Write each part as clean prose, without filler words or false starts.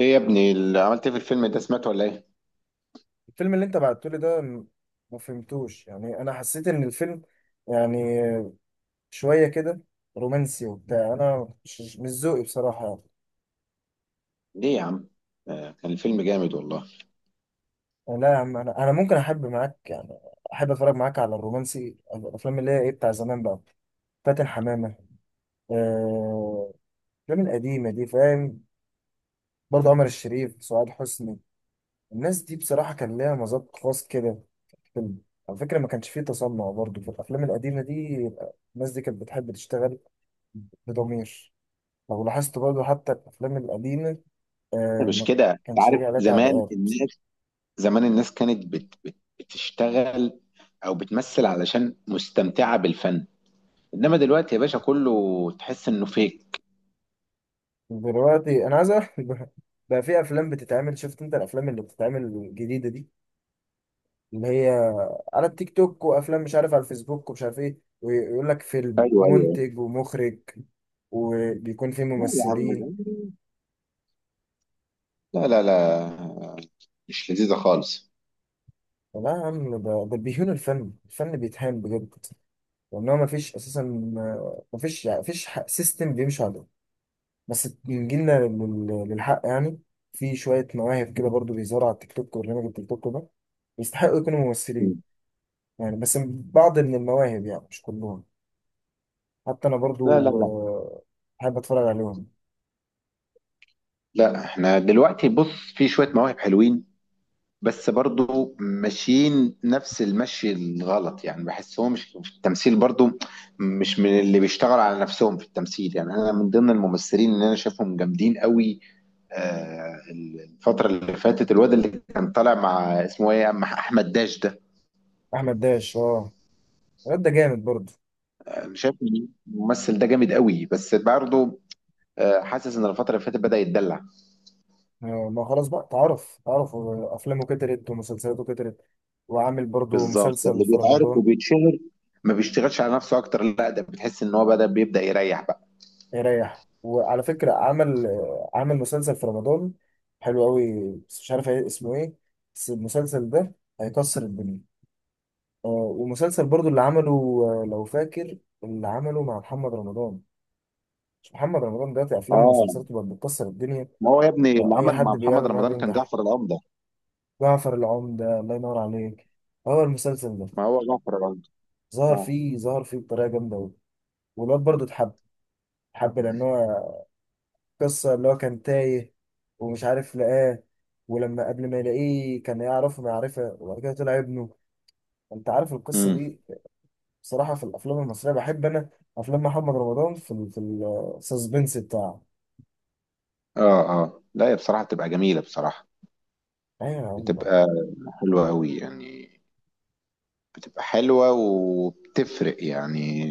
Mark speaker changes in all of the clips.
Speaker 1: ايه يا ابني اللي عملت ايه في الفيلم ده، سمعته ولا ايه؟
Speaker 2: الفيلم اللي انت بعته لي ده ما فهمتوش. يعني انا حسيت ان الفيلم، يعني، شويه كده رومانسي وبتاع. انا مش ذوقي بصراحه، يعني.
Speaker 1: ليه يا عم؟ آه، كان الفيلم جامد والله.
Speaker 2: يعني لا يا عم، انا ممكن احب معاك، يعني احب اتفرج معاك على الرومانسي، الافلام اللي هي ايه بتاع زمان بقى، فاتن حمامه. آه، الافلام القديمه دي، فاهم؟ برضه عمر الشريف، سعاد حسني، الناس دي بصراحه كان ليها مذاق خاص كده في الفيلم. على فكره ما كانش فيه تصنع برضه في الافلام القديمه دي. الناس دي كانت بتحب تشتغل بضمير. لو لاحظت برضه حتى الأفلام القديمة، آه،
Speaker 1: مش
Speaker 2: ما
Speaker 1: كده، انت
Speaker 2: كانش
Speaker 1: عارف
Speaker 2: راجع عليها
Speaker 1: زمان
Speaker 2: تعليقات.
Speaker 1: الناس، زمان الناس كانت بت بت بتشتغل او بتمثل علشان مستمتعة بالفن، انما دلوقتي يا باشا كله تحس انه فيك.
Speaker 2: دلوقتي أنا عايز أعرف بقى في أفلام بتتعمل. شفت أنت الأفلام اللي بتتعمل الجديدة دي، اللي هي على التيك توك، وأفلام مش عارف على الفيسبوك، ومش عارف إيه، ويقول لك فيلم
Speaker 1: ايوه ايوه.
Speaker 2: ومنتج ومخرج وبيكون فيه
Speaker 1: لا يا عم،
Speaker 2: ممثلين.
Speaker 1: لا لا لا، مش لذيذة خالص.
Speaker 2: لا يا عم، ده بيهون الفن. الفن بيتهان بجد، لأن هو مفيش أساسا. آه، مفيش سيستم بيمشي عليه. بس نجيلنا للحق، يعني في شوية مواهب كده برضو بيظهروا على التيك توك. وبرنامج التيك توك ده يستحقوا يكونوا ممثلين، يعني بس بعض من المواهب، يعني مش كلهم. حتى أنا
Speaker 1: لا لا
Speaker 2: برضو،
Speaker 1: لا،
Speaker 2: آه، بحب أتفرج عليهم.
Speaker 1: لا احنا دلوقتي بص، في شوية مواهب حلوين بس برضو ماشيين نفس المشي الغلط، يعني بحسهم مش في التمثيل برضو، مش من اللي بيشتغل على نفسهم في التمثيل. يعني انا من ضمن الممثلين اللي انا شايفهم جامدين قوي آه، الفترة اللي فاتت الواد اللي كان طالع مع، اسمه ايه، مع احمد داش ده.
Speaker 2: أحمد داش، أه، الواد ده جامد برضو.
Speaker 1: انا شايف إن الممثل ده جامد قوي، بس برضو آه، حاسس ان الفترة اللي فاتت بدأ يتدلع.
Speaker 2: آه، ما خلاص بقى، تعرف، تعرف، آه، أفلامه كترت ومسلسلاته كترت، وعامل برضو
Speaker 1: بالظبط،
Speaker 2: مسلسل
Speaker 1: اللي
Speaker 2: في
Speaker 1: بيتعارك
Speaker 2: رمضان.
Speaker 1: وبيتشهر ما بيشتغلش على نفسه اكتر، لا ده بتحس ان هو بدأ، بيبدأ يريح بقى.
Speaker 2: يريح. وعلى فكرة عمل مسلسل في رمضان حلو قوي، بس مش عارف إيه، اسمه ايه، بس المسلسل ده هيكسر الدنيا. آه، ومسلسل برضو اللي عمله، آه، لو فاكر، اللي عمله مع محمد رمضان. مش محمد رمضان دلوقتي افلامه
Speaker 1: اه،
Speaker 2: ومسلسلاته بقت بتكسر الدنيا؟
Speaker 1: ما هو يا ابني اللي
Speaker 2: فاي
Speaker 1: عمل
Speaker 2: حد
Speaker 1: مع محمد
Speaker 2: بيعمل معاه
Speaker 1: رمضان كان
Speaker 2: بينجح.
Speaker 1: جعفر العمدة.
Speaker 2: جعفر العمدة، الله ينور عليك، هو المسلسل ده.
Speaker 1: ما هو جعفر العمدة. اه.
Speaker 2: ظهر فيه بطريقة جامدة قوي. والواد برضو اتحب. لان هو قصة اللي هو كان تايه، ومش عارف، لقاه. ولما قبل ما يلاقيه كان يعرفه معرفة، وبعد كده طلع ابنه. انت عارف القصة
Speaker 1: امم.
Speaker 2: دي؟ بصراحة في الأفلام المصرية بحب أنا أفلام محمد رمضان في ال، في السسبنس بتاعه.
Speaker 1: اه اه، لا هي بصراحة بتبقى جميلة بصراحة،
Speaker 2: أيوة يا عم،
Speaker 1: بتبقى حلوة قوي يعني، بتبقى حلوة وبتفرق يعني،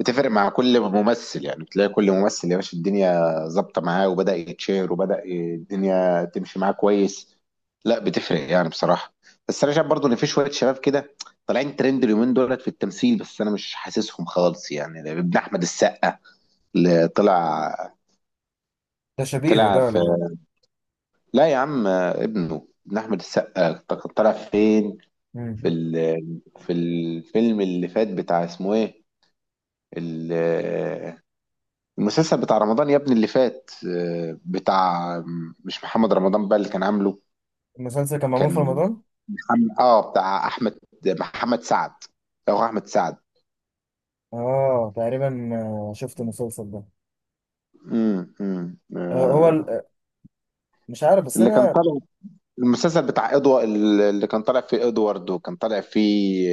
Speaker 1: بتفرق مع كل ممثل، يعني بتلاقي كل ممثل يا باشا الدنيا ظابطة معاه وبدأ يتشهر وبدأ الدنيا تمشي معاه كويس. لا بتفرق يعني بصراحة. بس أنا شايف برضو إن في شوية شباب كده طالعين ترند اليومين دولت في التمثيل، بس أنا مش حاسسهم خالص، يعني ابن أحمد السقا اللي طلع،
Speaker 2: ده شبيهه
Speaker 1: طلع
Speaker 2: ده
Speaker 1: في،
Speaker 2: ولا إيه؟
Speaker 1: لا يا عم، ابنه ابن احمد السقا كان طلع فين؟ في
Speaker 2: مم.
Speaker 1: ال... في الفيلم اللي فات بتاع اسمه ايه، ال- المسلسل بتاع رمضان يا ابني اللي فات آه، بتاع، مش محمد رمضان بقى اللي كان عامله،
Speaker 2: المسلسل كان معمول في
Speaker 1: كان
Speaker 2: رمضان؟
Speaker 1: محمد، اه بتاع احمد، محمد سعد او احمد سعد.
Speaker 2: آه تقريبا، آه، شفت المسلسل ده. آه،
Speaker 1: آه،
Speaker 2: مش عارف، بس
Speaker 1: اللي كان
Speaker 2: أنا.
Speaker 1: طالع، المسلسل بتاع ادوارد اللي كان طالع فيه ادوارد، وكان طالع فيه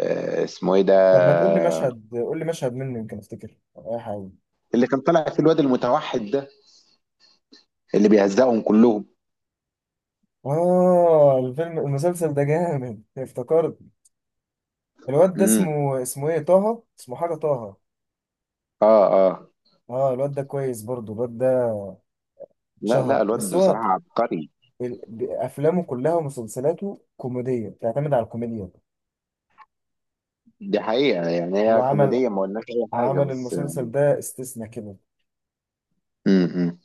Speaker 1: آه، اسمه ايه ده،
Speaker 2: طب ما تقول لي مشهد، قول لي مشهد منه، يمكن أفتكر، أو أي حاجة.
Speaker 1: اللي كان طالع في الواد المتوحد ده اللي بيهزقهم كلهم.
Speaker 2: آه، الفيلم المسلسل ده جامد، افتكرت. الواد ده
Speaker 1: امم.
Speaker 2: اسمه، اسمه ايه، طه، اسمه حاجة طه.
Speaker 1: اه اه.
Speaker 2: اه، الواد ده كويس برضو. الواد ده
Speaker 1: لا لا،
Speaker 2: اتشهر، بس
Speaker 1: الواد
Speaker 2: هو
Speaker 1: بصراحة عبقري.
Speaker 2: افلامه كلها ومسلسلاته كوميدية، بتعتمد على الكوميديا.
Speaker 1: دي حقيقة، يعني
Speaker 2: هو
Speaker 1: هي كوميدية، ما قلناش أي حاجة،
Speaker 2: عمل
Speaker 1: بس
Speaker 2: المسلسل ده استثناء كده.
Speaker 1: امم،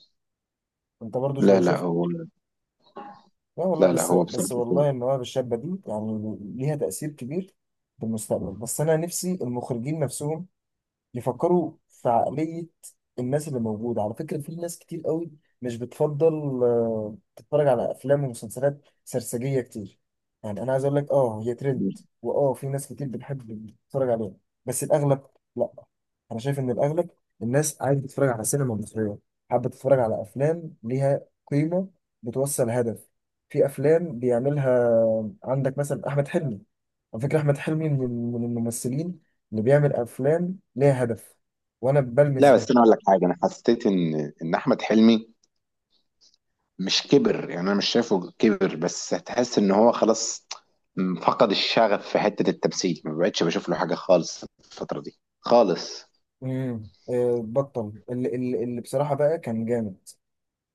Speaker 2: انت برضو
Speaker 1: لا
Speaker 2: لو
Speaker 1: لا
Speaker 2: شفت،
Speaker 1: هو،
Speaker 2: لا والله،
Speaker 1: لا لا
Speaker 2: بس
Speaker 1: هو
Speaker 2: بس
Speaker 1: بصراحة كويس.
Speaker 2: والله المواهب الشابة دي يعني ليها تأثير كبير في المستقبل. بس انا نفسي المخرجين نفسهم يفكروا في عقلية الناس اللي موجودة. على فكرة في ناس كتير قوي مش بتفضل، آه، تتفرج على أفلام ومسلسلات سرسجية كتير. يعني أنا عايز أقول لك أه هي
Speaker 1: مم.
Speaker 2: ترند، وأه في ناس كتير بتحب تتفرج عليها. بس الأغلب، لأ، أنا شايف إن الأغلب الناس عايزة تتفرج على سينما مصرية، حابة تتفرج على أفلام ليها قيمة، بتوصل هدف. في أفلام بيعملها عندك مثلا أحمد حلمي. على فكرة أحمد حلمي من الممثلين اللي بيعمل أفلام ليها هدف، وأنا بلمس
Speaker 1: لا بس
Speaker 2: ده.
Speaker 1: أنا أقول لك حاجة، أنا حسيت إن أحمد حلمي مش كبر، يعني أنا مش شايفه كبر، بس هتحس إن هو خلاص فقد الشغف في حتة التمثيل، ما بقتش بشوف له حاجة خالص الفترة دي خالص.
Speaker 2: امم، آه، بطل اللي بصراحة بقى كان جامد.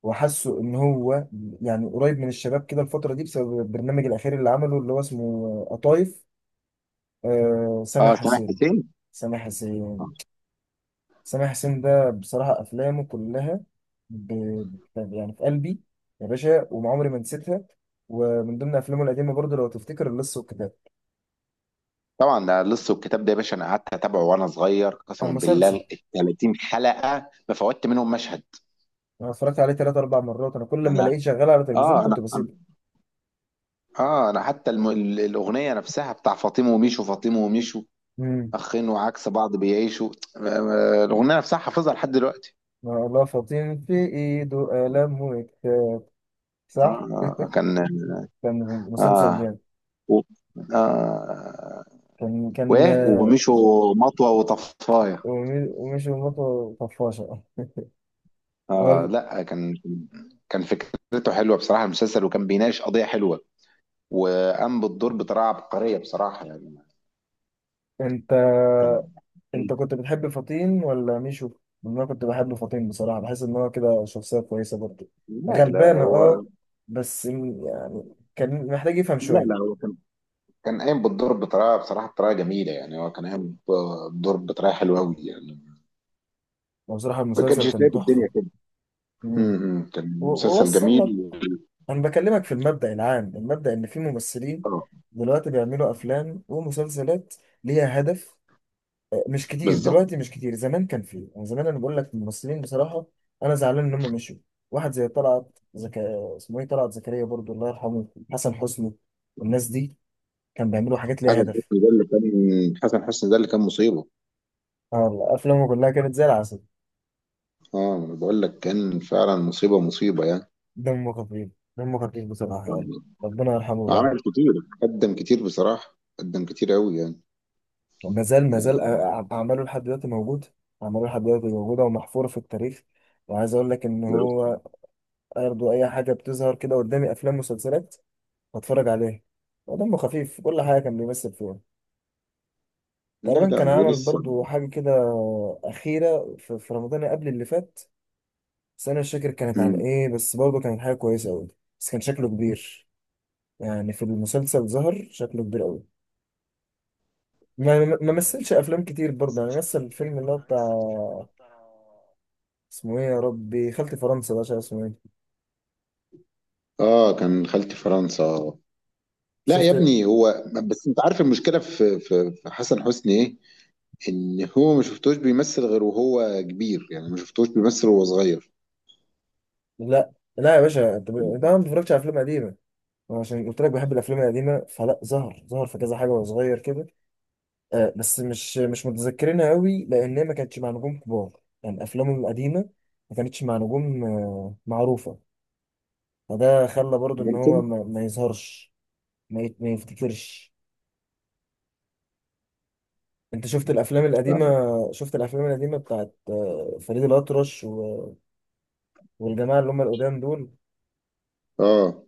Speaker 2: وحاسه إن هو يعني قريب من الشباب كده الفترة دي بسبب البرنامج الأخير اللي عمله، اللي هو اسمه قطايف، آه، سامح
Speaker 1: اه سامح
Speaker 2: حسين.
Speaker 1: حسين.
Speaker 2: سامح
Speaker 1: آه.
Speaker 2: حسين. سامح حسين ده بصراحة أفلامه كلها ب... يعني في قلبي يا باشا، وعمري ما نسيتها. ومن ضمن أفلامه القديمة برضه لو تفتكر، اللص والكتاب،
Speaker 1: طبعا، ده لص والكتاب ده يا باشا انا قعدت اتابعه وانا صغير
Speaker 2: كان
Speaker 1: قسما بالله،
Speaker 2: مسلسل.
Speaker 1: ال 30 حلقه ما فوتت منهم مشهد.
Speaker 2: انا اتفرجت عليه ثلاث اربع مرات، انا كل لما
Speaker 1: انا
Speaker 2: الاقيه شغال على التلفزيون
Speaker 1: اه،
Speaker 2: كنت بسيبه.
Speaker 1: اه انا، حتى الاغنيه نفسها بتاع فاطمه وميشو، فاطمه وميشو
Speaker 2: امم.
Speaker 1: اخين وعكس بعض بيعيشوا آه، آه، الاغنيه نفسها حافظها لحد دلوقتي.
Speaker 2: الله، فطين في ايده قلم وكتاب،
Speaker 1: آه
Speaker 2: صح.
Speaker 1: آه، كان،
Speaker 2: كان
Speaker 1: اه،
Speaker 2: مسلسل جامد.
Speaker 1: و... اه،
Speaker 2: كان
Speaker 1: وايه
Speaker 2: آه،
Speaker 1: وميشو، مطوه وطفايه.
Speaker 2: ومي- ومشي ومطه طفاشه.
Speaker 1: اه
Speaker 2: قال،
Speaker 1: لا، كان، كان فكرته حلوه بصراحه المسلسل، وكان بيناقش قضيه حلوه وقام بالدور بطريقه عبقريه بصراحه يعني.
Speaker 2: انت،
Speaker 1: كان،
Speaker 2: كنت بتحب فطين ولا ميشو؟ لأن انا كنت بحب فطين بصراحه، بحس ان هو كده شخصيه كويسه برضه،
Speaker 1: لا لا
Speaker 2: غلبانه. اه،
Speaker 1: هو،
Speaker 2: بس يعني كان محتاج يفهم
Speaker 1: لا لا
Speaker 2: شويه.
Speaker 1: هو كان، كان قايم بالدور بطريقه بصراحه، بطريقه جميله، يعني هو كان قايم بالدور بطريقه حلوه قوي يعني.
Speaker 2: بصراحه
Speaker 1: ما
Speaker 2: المسلسل
Speaker 1: كانش
Speaker 2: كان
Speaker 1: سايب
Speaker 2: تحفه.
Speaker 1: الدنيا كده.
Speaker 2: مم.
Speaker 1: امم،
Speaker 2: و-
Speaker 1: كان مسلسل
Speaker 2: ووصل
Speaker 1: جميل
Speaker 2: لك. انا بكلمك في المبدأ العام، المبدأ ان في ممثلين
Speaker 1: اه.
Speaker 2: دلوقتي بيعملوا افلام ومسلسلات ليها هدف، آه، مش كتير
Speaker 1: بالظبط.
Speaker 2: دلوقتي، مش كتير. زمان كان فيه، يعني زمان انا بقول لك الممثلين بصراحة انا زعلان ان هم مشوا. واحد زي طلعت اسمه ايه، طلعت زكريا برضو، الله يرحمه، حسن حسني، والناس دي كان بيعملوا حاجات
Speaker 1: حسن
Speaker 2: ليها هدف.
Speaker 1: حسني ده اللي كان حسن حسني ده اللي كان مصيبه.
Speaker 2: اه والله افلامه كلها كانت زي العسل.
Speaker 1: اه أنا بقول لك، كان فعلا مصيبه، مصيبه يعني
Speaker 2: دمه خفيف، دمه خفيف بصراحة يعني،
Speaker 1: آه،
Speaker 2: ربنا يرحمه بقى.
Speaker 1: عمل كتير، قدم كتير بصراحه، قدم كتير قوي يعني
Speaker 2: ما زال
Speaker 1: آه،
Speaker 2: أعماله لحد دلوقتي موجود. أعماله لحد دلوقتي موجودة ومحفورة في التاريخ. وعايز أقول لك إن هو برضه أي حاجة بتظهر كده قدامي، أفلام ومسلسلات، بتفرج عليها، ودمه خفيف في كل حاجة كان بيمثل فيها.
Speaker 1: لا
Speaker 2: تقريبا
Speaker 1: لا
Speaker 2: كان
Speaker 1: هو
Speaker 2: عمل
Speaker 1: لسه.
Speaker 2: برضه حاجة كده أخيرة في رمضان قبل اللي فات، بس أنا مش فاكر كانت عن
Speaker 1: مم.
Speaker 2: إيه، بس برضه كانت حاجة كويسة أوي. بس كان شكله كبير، يعني في المسلسل ظهر شكله كبير أوي. ما
Speaker 1: آه.
Speaker 2: مثلش أفلام كتير برضه، يعني مثل الفيلم اللي هو بتاع، اسمه ايه يا ربي، خالتي فرنسا ده، عشان اسمه ايه،
Speaker 1: اه كان خالتي فرنسا آه. لا يا
Speaker 2: شفت.
Speaker 1: ابني، هو بس انت عارف المشكله في في حسن حسني ايه؟ ان هو ما شفتوش بيمثل غير وهو كبير، يعني ما شفتوش بيمثل وهو صغير.
Speaker 2: لا لا يا باشا، انت ده انا ما بتفرجش على افلام قديمه. أنا عشان قلت لك بحب الافلام القديمه، فلا، ظهر في كذا حاجه وهو صغير كده، آه، بس مش متذكرينها قوي لان هي ما كانتش مع نجوم كبار، يعني افلامه القديمه ما كانتش مع نجوم آه معروفه. فده خلى برضو ان هو
Speaker 1: ممكن.
Speaker 2: ما يظهرش. ما يفتكرش. انت شفت الافلام القديمه؟
Speaker 1: فعلا.
Speaker 2: شفت الافلام القديمه بتاعت آه، فريد الاطرش والجماعه اللي هم القدام دول.
Speaker 1: اه.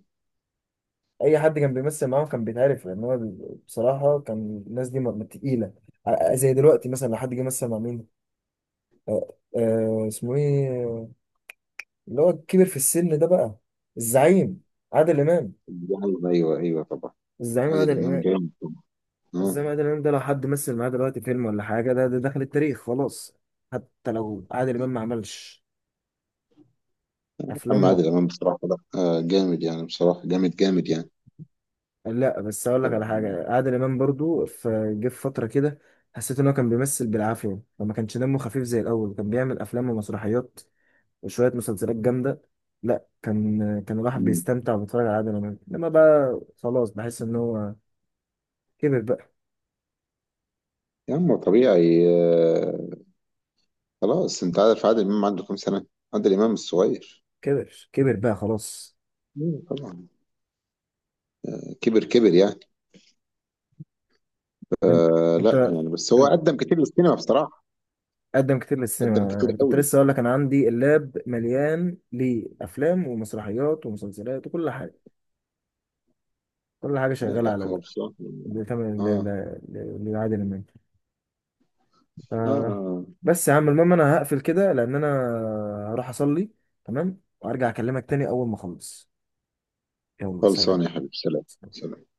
Speaker 2: اي حد كان بيمثل معاهم كان بيتعرف. لان هو بصراحه كان الناس دي تقيله، زي دلوقتي مثلا لو حد جه مثل مع مين، آه اسمه ايه، اللي هو كبر في السن ده بقى، الزعيم عادل امام.
Speaker 1: يعني ايوه ايوه طبعا.
Speaker 2: الزعيم عادل
Speaker 1: عادل امام
Speaker 2: امام.
Speaker 1: جامد طبعا. اه.
Speaker 2: الزعيم عادل امام ده لو حد مثل معاه دلوقتي فيلم ولا حاجه، ده دخل التاريخ خلاص. حتى لو عادل امام ما عملش
Speaker 1: اما
Speaker 2: افلامه.
Speaker 1: عادل امام بصراحه، لا آه جامد يعني، بصراحه جامد جامد يعني.
Speaker 2: لا بس اقول لك على حاجه، عادل امام برضو في فتره كده حسيت ان هو كان بيمثل بالعافيه وما كانش دمه خفيف زي الاول. كان بيعمل افلام ومسرحيات وشويه مسلسلات جامده. لا كان الواحد
Speaker 1: مم.
Speaker 2: بيستمتع وبيتفرج على عادل امام، انما بقى خلاص بحس ان هو كبر بقى.
Speaker 1: يا عم طبيعي، آه، خلاص، انت عارف عادل امام عنده كام سنه؟ عادل امام الصغير.
Speaker 2: كبر كبر بقى خلاص.
Speaker 1: مم، طبعا، كبر كبر يعني،
Speaker 2: انت
Speaker 1: آه. لا
Speaker 2: انت
Speaker 1: يعني، بس هو قدم كتير للسينما بصراحة،
Speaker 2: قدم كتير
Speaker 1: قدم كتير
Speaker 2: للسينما، انا كنت
Speaker 1: قوي.
Speaker 2: لسه اقول لك انا عندي اللاب مليان لافلام ومسرحيات ومسلسلات وكل حاجه. كل حاجه
Speaker 1: لا
Speaker 2: شغاله
Speaker 1: لا
Speaker 2: على
Speaker 1: هو
Speaker 2: اللاب
Speaker 1: بصراحة
Speaker 2: بتعمل
Speaker 1: اه
Speaker 2: لعادل امام. ف...
Speaker 1: اه آه.
Speaker 2: بس يا عم المهم انا هقفل كده لان انا هروح اصلي، تمام؟ وارجع اكلمك تاني اول ما اخلص. يلا،
Speaker 1: خلصان
Speaker 2: سلام.
Speaker 1: يا حبيبي، سلام. سلام.